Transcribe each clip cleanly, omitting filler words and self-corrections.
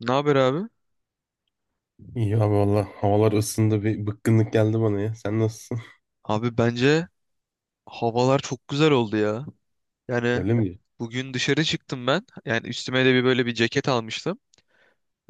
Ne haber abi? İyi abi valla havalar ısındı bir bıkkınlık geldi bana ya. Sen nasılsın? Abi bence havalar çok güzel oldu ya. Yani Öyle mi? bugün dışarı çıktım ben. Yani üstüme de bir böyle bir ceket almıştım.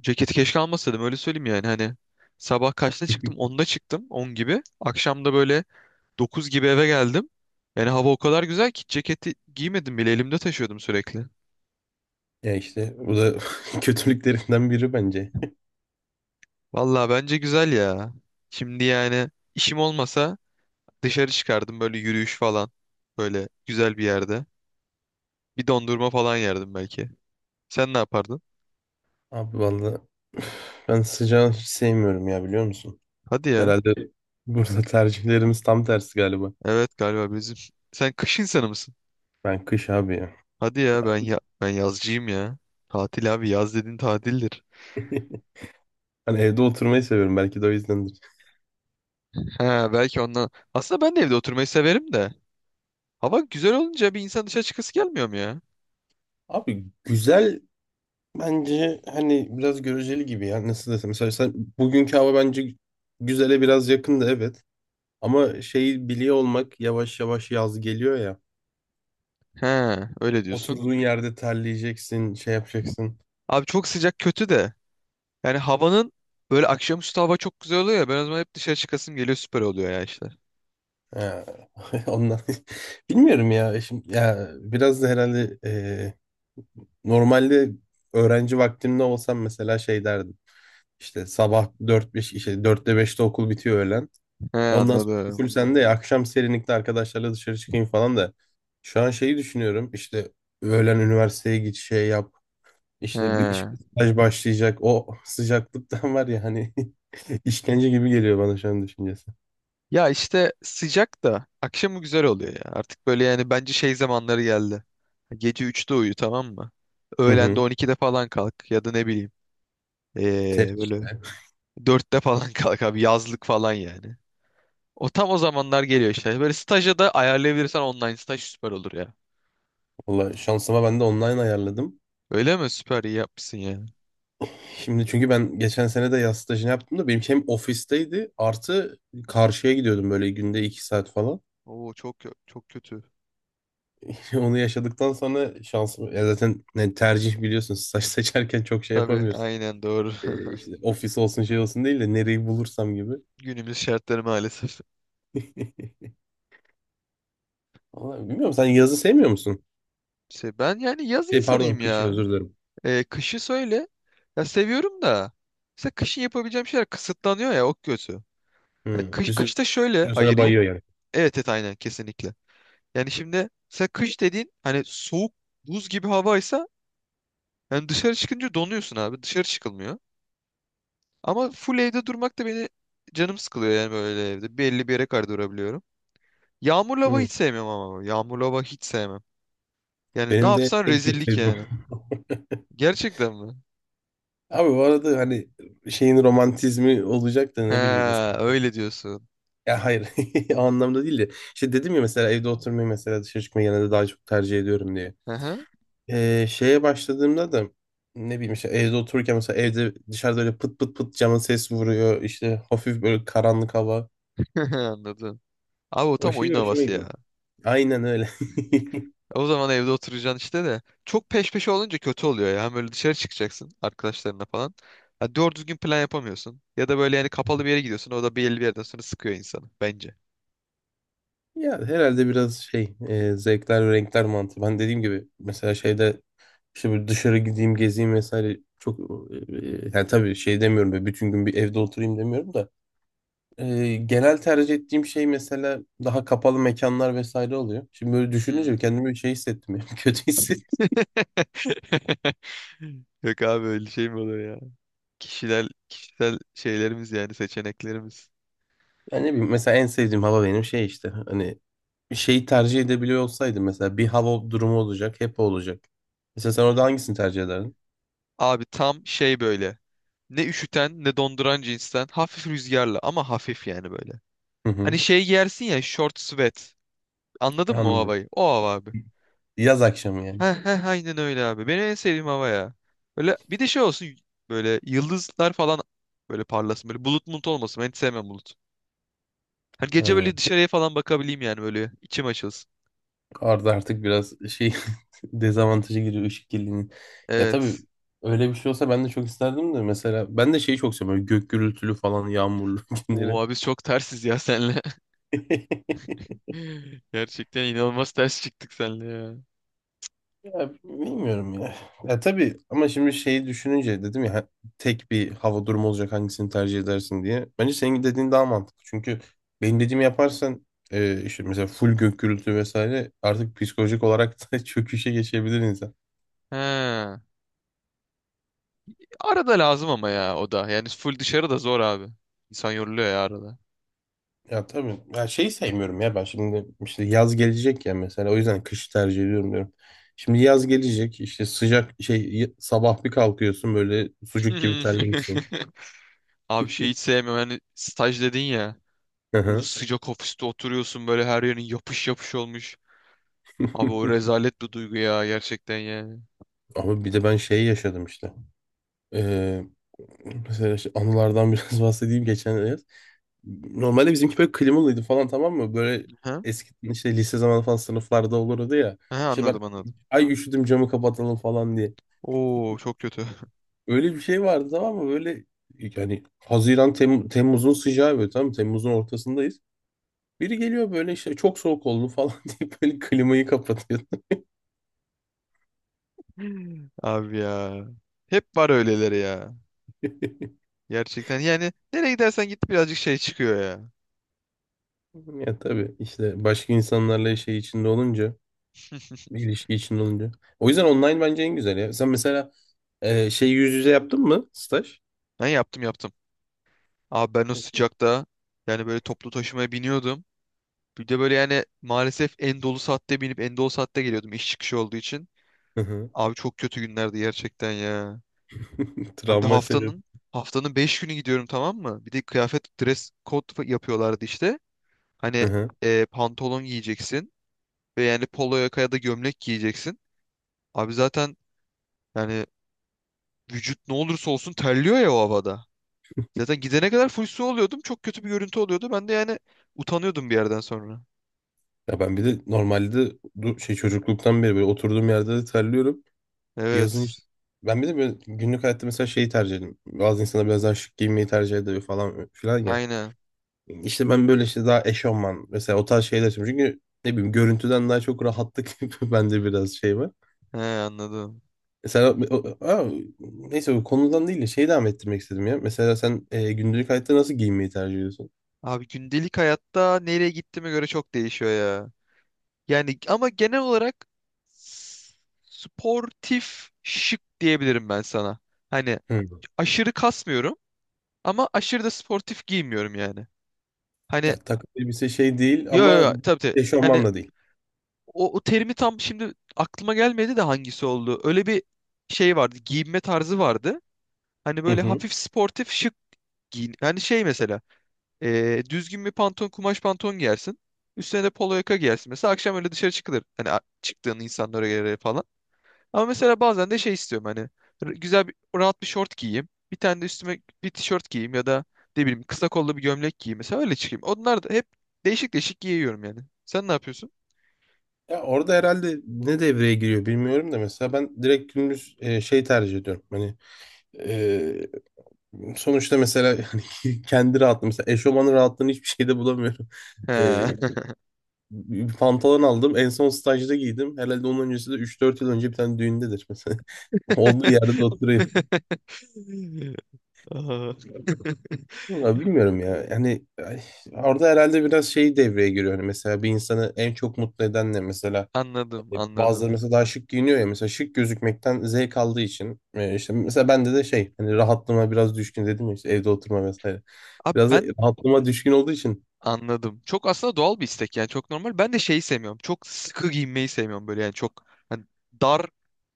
Ceketi keşke almasaydım öyle söyleyeyim yani hani. Sabah kaçta çıktım? 10'da çıktım. On gibi. Akşam da böyle 9 gibi eve geldim. Yani hava o kadar güzel ki ceketi giymedim bile elimde taşıyordum sürekli. Ya işte bu da kötülüklerinden biri bence. Vallahi bence güzel ya. Şimdi yani işim olmasa dışarı çıkardım böyle yürüyüş falan. Böyle güzel bir yerde. Bir dondurma falan yerdim belki. Sen ne yapardın? Abi valla ben sıcağı hiç sevmiyorum ya biliyor musun? Hadi ya. Herhalde burada tercihlerimiz tam tersi galiba. Evet galiba bizim. Sen kış insanı mısın? Ben kış abi ya. Hadi ya ben ya ben yazcıyım ya. Tatil abi yaz dediğin tatildir. Hani evde oturmayı seviyorum belki de o yüzdendir. Ha belki ondan. Aslında ben de evde oturmayı severim de. Hava güzel olunca bir insan dışarı çıkası gelmiyor mu ya? Abi güzel bence hani biraz göreceli gibi ya nasıl desem. Mesela bugünkü hava bence güzele biraz yakındı evet. Ama şeyi biliyor olmak yavaş yavaş yaz geliyor ya. Ha öyle diyorsun. Oturduğun yerde terleyeceksin, şey yapacaksın. Abi çok sıcak kötü de. Yani havanın böyle akşamüstü hava çok güzel oluyor ya. Ben o zaman hep dışarı çıkasım geliyor süper oluyor ya işte. Ya, ondan bilmiyorum ya. Şimdi ya biraz da herhalde normalde öğrenci vaktimde olsam mesela şey derdim. İşte sabah dört beş işte 4'te 5'te okul bitiyor öğlen. He Ondan sonra anladım. full sende ya akşam serinlikte arkadaşlarla dışarı çıkayım falan da. Şu an şeyi düşünüyorum. İşte öğlen üniversiteye git şey yap. İşte bir He. staj başlayacak. O sıcaklıktan var ya hani işkence gibi geliyor bana şu an düşüncesi. Ya işte sıcak da akşamı güzel oluyor ya. Artık böyle yani bence şey zamanları geldi. Gece üçte uyu tamam mı? Hı Öğlende hı. 12'de falan kalk ya da ne bileyim. Ter Böyle işte. dörtte falan kalk abi yazlık falan yani. O tam o zamanlar geliyor işte. Böyle staja da ayarlayabilirsen online staj süper olur ya. Valla şansıma ben de online ayarladım. Öyle mi? Süper iyi yapmışsın ya. Şimdi çünkü ben geçen sene de yaz stajını yaptım da benim hem ofisteydi artı karşıya gidiyordum böyle günde iki saat falan. Oo çok çok kötü. Onu yaşadıktan sonra şansım ya zaten ne tercih biliyorsun staj seçerken çok şey Tabii yapamıyorsun. aynen doğru. İşte ofis olsun şey olsun değil de nereyi bulursam gibi. Günümüz şartları maalesef. Vallahi bilmiyorum sen yazı sevmiyor musun? Şey, ben yani yaz Şey pardon insanıyım kışı ya. özür dilerim. E, kışı söyle. Ya seviyorum da. Mesela kışın yapabileceğim şeyler kısıtlanıyor ya o kötü. Ya Hı. kış, Bir sürü kışta şöyle sana ayırayım. bayıyor yani. Evet, evet, aynen, kesinlikle. Yani şimdi mesela kış dediğin hani soğuk buz gibi havaysa yani dışarı çıkınca donuyorsun abi. Dışarı çıkılmıyor. Ama full evde durmak da beni canım sıkılıyor yani böyle evde. Belli bir yere kadar durabiliyorum. Yağmurlu hava Hı. hiç sevmiyorum ama. Yağmurlu hava hiç sevmem. Yani ne Benim de yapsan en çok rezillik sevdiğim. yani. Gerçekten mi? Abi bu arada hani şeyin romantizmi olacak da He ne bileyim mesela. öyle diyorsun. Ya hayır o anlamda değil de. İşte dedim ya mesela evde oturmayı mesela dışarı çıkmayı genelde daha çok tercih ediyorum diye. Hı hı. Şeye başladığımda da ne bileyim işte evde otururken mesela evde dışarıda öyle pıt pıt pıt camın ses vuruyor. İşte hafif böyle karanlık hava. Anladım. Abi o O tam oyun şey hoşuma havası gidiyor. ya. Aynen öyle. O zaman evde oturacaksın işte de. Çok peş peşe olunca kötü oluyor ya. Hem böyle dışarı çıkacaksın arkadaşlarına falan. Ha, doğru düzgün plan yapamıyorsun. Ya da böyle yani kapalı bir yere gidiyorsun. O da belli bir yerden sonra sıkıyor insanı bence. Ya herhalde biraz şey zevkler ve renkler mantığı. Ben dediğim gibi mesela şeyde işte böyle dışarı gideyim gezeyim vesaire çok e, yani tabii şey demiyorum böyle bütün gün bir evde oturayım demiyorum da genel tercih ettiğim şey mesela daha kapalı mekanlar vesaire oluyor. Şimdi böyle Hmm. düşününce kendimi bir şey hissettim ya, kötü hissettim. Yok abi öyle şey mi olur ya? Kişisel şeylerimiz yani seçeneklerimiz. Yani ne bileyim, mesela en sevdiğim hava benim şey işte hani şeyi tercih edebiliyor olsaydım mesela bir hava durumu olacak hep o olacak. Mesela Hı sen orada hı. hangisini tercih ederdin? Abi tam şey böyle. Ne üşüten ne donduran cinsten. Hafif rüzgarlı ama hafif yani böyle. Hı hı, Hani şey giyersin ya short sweat. Anladın mı o anladım. havayı? O hava abi. Yaz akşamı yani. Heh heh aynen öyle abi. Benim en sevdiğim hava ya. Böyle bir de şey olsun böyle yıldızlar falan böyle parlasın. Böyle bulut bulut olmasın. Ben hiç sevmem bulut. Hani gece Ha. böyle dışarıya falan bakabileyim yani böyle içim açılsın. Arda artık biraz şey dezavantaja giriyor ışık kirliliğinin. Ya tabii Evet. öyle bir şey olsa ben de çok isterdim de mesela ben de şeyi çok seviyorum. Böyle gök gürültülü falan yağmurlu Oo günleri. abi biz çok tersiz ya senle. Gerçekten inanılmaz ters çıktık senle ya. Ya bilmiyorum ya. Ya tabii ama şimdi şeyi düşününce dedim ya tek bir hava durumu olacak hangisini tercih edersin diye. Bence senin dediğin daha mantıklı. Çünkü benim dediğimi yaparsan işte mesela full gök gürültü vesaire artık psikolojik olarak da çöküşe geçebilir insan. He. Arada lazım ama ya o da. Yani full dışarı da zor abi. İnsan yoruluyor ya arada. Ya tabii. Ya şeyi sevmiyorum ya ben şimdi işte yaz gelecek ya mesela o yüzden kış tercih ediyorum diyorum. Şimdi yaz gelecek işte sıcak şey sabah bir kalkıyorsun böyle sucuk gibi terlemişsin. Abi şey hiç sevmiyorum. Yani staj dedin ya. Hı Bunun hı. sıcak ofiste oturuyorsun böyle her yerin yapış yapış olmuş. Abi o rezalet bir duygu ya gerçekten yani. Ama bir de ben şeyi yaşadım işte. Ee, mesela işte anılardan biraz bahsedeyim geçen yaz. Normalde bizimki böyle klimalıydı falan tamam mı? Böyle Ha? eski işte lise zamanı falan sınıflarda olurdu ya. Ha, İşte ben anladım, anladım. ay üşüdüm camı kapatalım falan diye. Oo çok kötü. Öyle bir şey vardı tamam mı? Böyle yani Haziran Temmuz'un sıcağı böyle tamam mı? Temmuz'un ortasındayız. Biri geliyor böyle işte çok soğuk oldu falan deyip böyle klimayı kapatıyor. Abi ya. Hep var öyleleri ya. Gerçekten yani nereye gidersen git birazcık şey çıkıyor ya. Ya tabii işte başka insanlarla şey içinde olunca, bir ilişki içinde olunca. O yüzden online bence en güzel ya. Sen mesela şey yüz yüze yaptın mı staj? Ben yaptım, yaptım. Abi ben o sıcakta yani böyle toplu taşımaya biniyordum. Bir de böyle yani maalesef en dolu saatte binip en dolu saatte geliyordum iş çıkışı olduğu için. Hı hı. Abi çok kötü günlerdi gerçekten ya. Abi bir de Travma sebebi. haftanın 5 günü gidiyorum tamam mı? Bir de kıyafet dress code yapıyorlardı işte. Hı Hani hı. Pantolon giyeceksin ve yani polo yaka ya da gömlek giyeceksin. Abi zaten yani vücut ne olursa olsun terliyor ya o havada. Zaten gidene kadar full su oluyordum. Çok kötü bir görüntü oluyordu. Ben de yani utanıyordum bir yerden sonra. Ya ben bir de normalde şey çocukluktan beri böyle oturduğum yerde de terliyorum. Yazın işte. Evet. Ben bir de böyle günlük hayatta mesela şeyi tercih ederim. Bazı insanlar biraz daha şık giyinmeyi tercih ediyor falan filan ya. Aynen. İşte ben böyle işte daha eşofman mesela o tarz şeyler istiyorum. Çünkü ne bileyim görüntüden daha çok rahatlık bende biraz şey var. He anladım. Mesela aa, neyse bu konudan değil de şeyi devam ettirmek istedim ya. Mesela sen günlük hayatta nasıl giyinmeyi tercih ediyorsun? Abi gündelik hayatta nereye gittiğime göre çok değişiyor ya. Yani ama genel olarak s- sportif şık diyebilirim ben sana. Hani Hı. aşırı kasmıyorum ama aşırı da sportif giymiyorum yani. Hani Ya takım elbise şey değil yo, yo, ama yo, tabii, tabii. Hani eşofman da değil. O terimi tam şimdi aklıma gelmedi de hangisi oldu. Öyle bir şey vardı. Giyinme tarzı vardı. Hani Hı böyle hı. hafif sportif şık giyin. Hani şey mesela. Düzgün bir pantolon, kumaş pantolon giyersin. Üstüne de polo yaka giyersin. Mesela akşam öyle dışarı çıkılır. Hani çıktığın insanlara göre falan. Ama mesela bazen de şey istiyorum hani güzel bir rahat bir şort giyeyim. Bir tane de üstüme bir tişört giyeyim ya da ne bileyim kısa kollu bir gömlek giyeyim. Mesela öyle çıkayım. Onlar da hep değişik değişik giyiyorum yani. Sen ne yapıyorsun? Ya orada herhalde ne devreye giriyor bilmiyorum da mesela ben direkt gündüz şey tercih ediyorum. Hani Ee, sonuçta mesela yani kendi rahatlığım mesela eşofmanın rahatlığını hiçbir şeyde bulamıyorum. Ee, He. bir pantolon aldım en son stajda giydim. Herhalde onun öncesi de 3-4 yıl önce bir tane düğündedir mesela. Olduğu yerde de oturuyor. Aa. Vallahi bilmiyorum ya. Yani ay, orada herhalde biraz şey devreye giriyor. Hani mesela bir insanı en çok mutlu eden ne mesela? Anladım, anladım. Bazıları mesela daha şık giyiniyor ya. Mesela şık gözükmekten zevk aldığı için. İşte mesela bende de şey hani rahatlığıma biraz düşkün dedim ya işte evde oturma vesaire. Abi Biraz da ben rahatlığıma düşkün olduğu için anladım. Çok aslında doğal bir istek yani çok normal. Ben de şeyi sevmiyorum. Çok sıkı giyinmeyi sevmiyorum böyle yani çok hani dar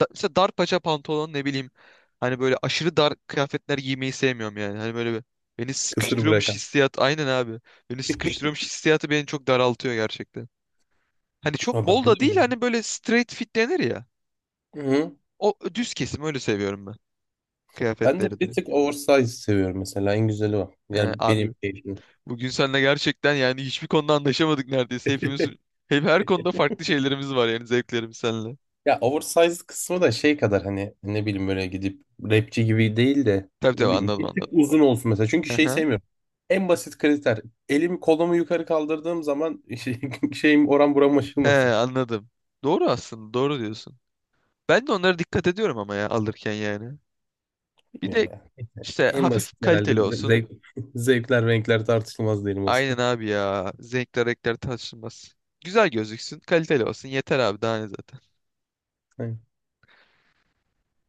mesela dar paça pantolon ne bileyim hani böyle aşırı dar kıyafetler giymeyi sevmiyorum yani. Hani böyle beni kısır sıkıştırıyormuş bırakan. hissiyat aynen abi. Beni sıkıştırıyormuş hissiyatı beni çok daraltıyor gerçekten. Hani çok Ama bol ben da de değil öyle. hani böyle straight fit denir ya. Hı. O düz kesim öyle seviyorum ben Ben de kıyafetleri de. bir tık oversize seviyorum mesela. En güzeli o. He, Yani benim abi, keyfim. bugün seninle gerçekten yani hiçbir konuda anlaşamadık neredeyse. Hepimiz hep her konuda farklı şeylerimiz var yani zevklerimiz seninle. Ya oversize kısmı da şey kadar hani ne bileyim böyle gidip rapçi gibi değil de Tabii, ne tabii, bileyim anladım, bir tık anladım. uzun olsun mesela. Çünkü şey Aha. sevmiyorum. En basit kriter. Elimi kolumu yukarı kaldırdığım zaman şey, şeyim oran buram He aşılmasın. anladım. Doğru, aslında doğru diyorsun. Ben de onlara dikkat ediyorum ama ya alırken yani. Bir de Bilmiyorum ya. işte En basit hafif kaliteli herhalde. olsun. Zevk, zevkler renkler tartışılmaz diyelim o Aynen zaman. abi ya. Renkler, renkler tartışılmaz. Güzel gözüksün, kaliteli olsun. Yeter abi daha ne zaten.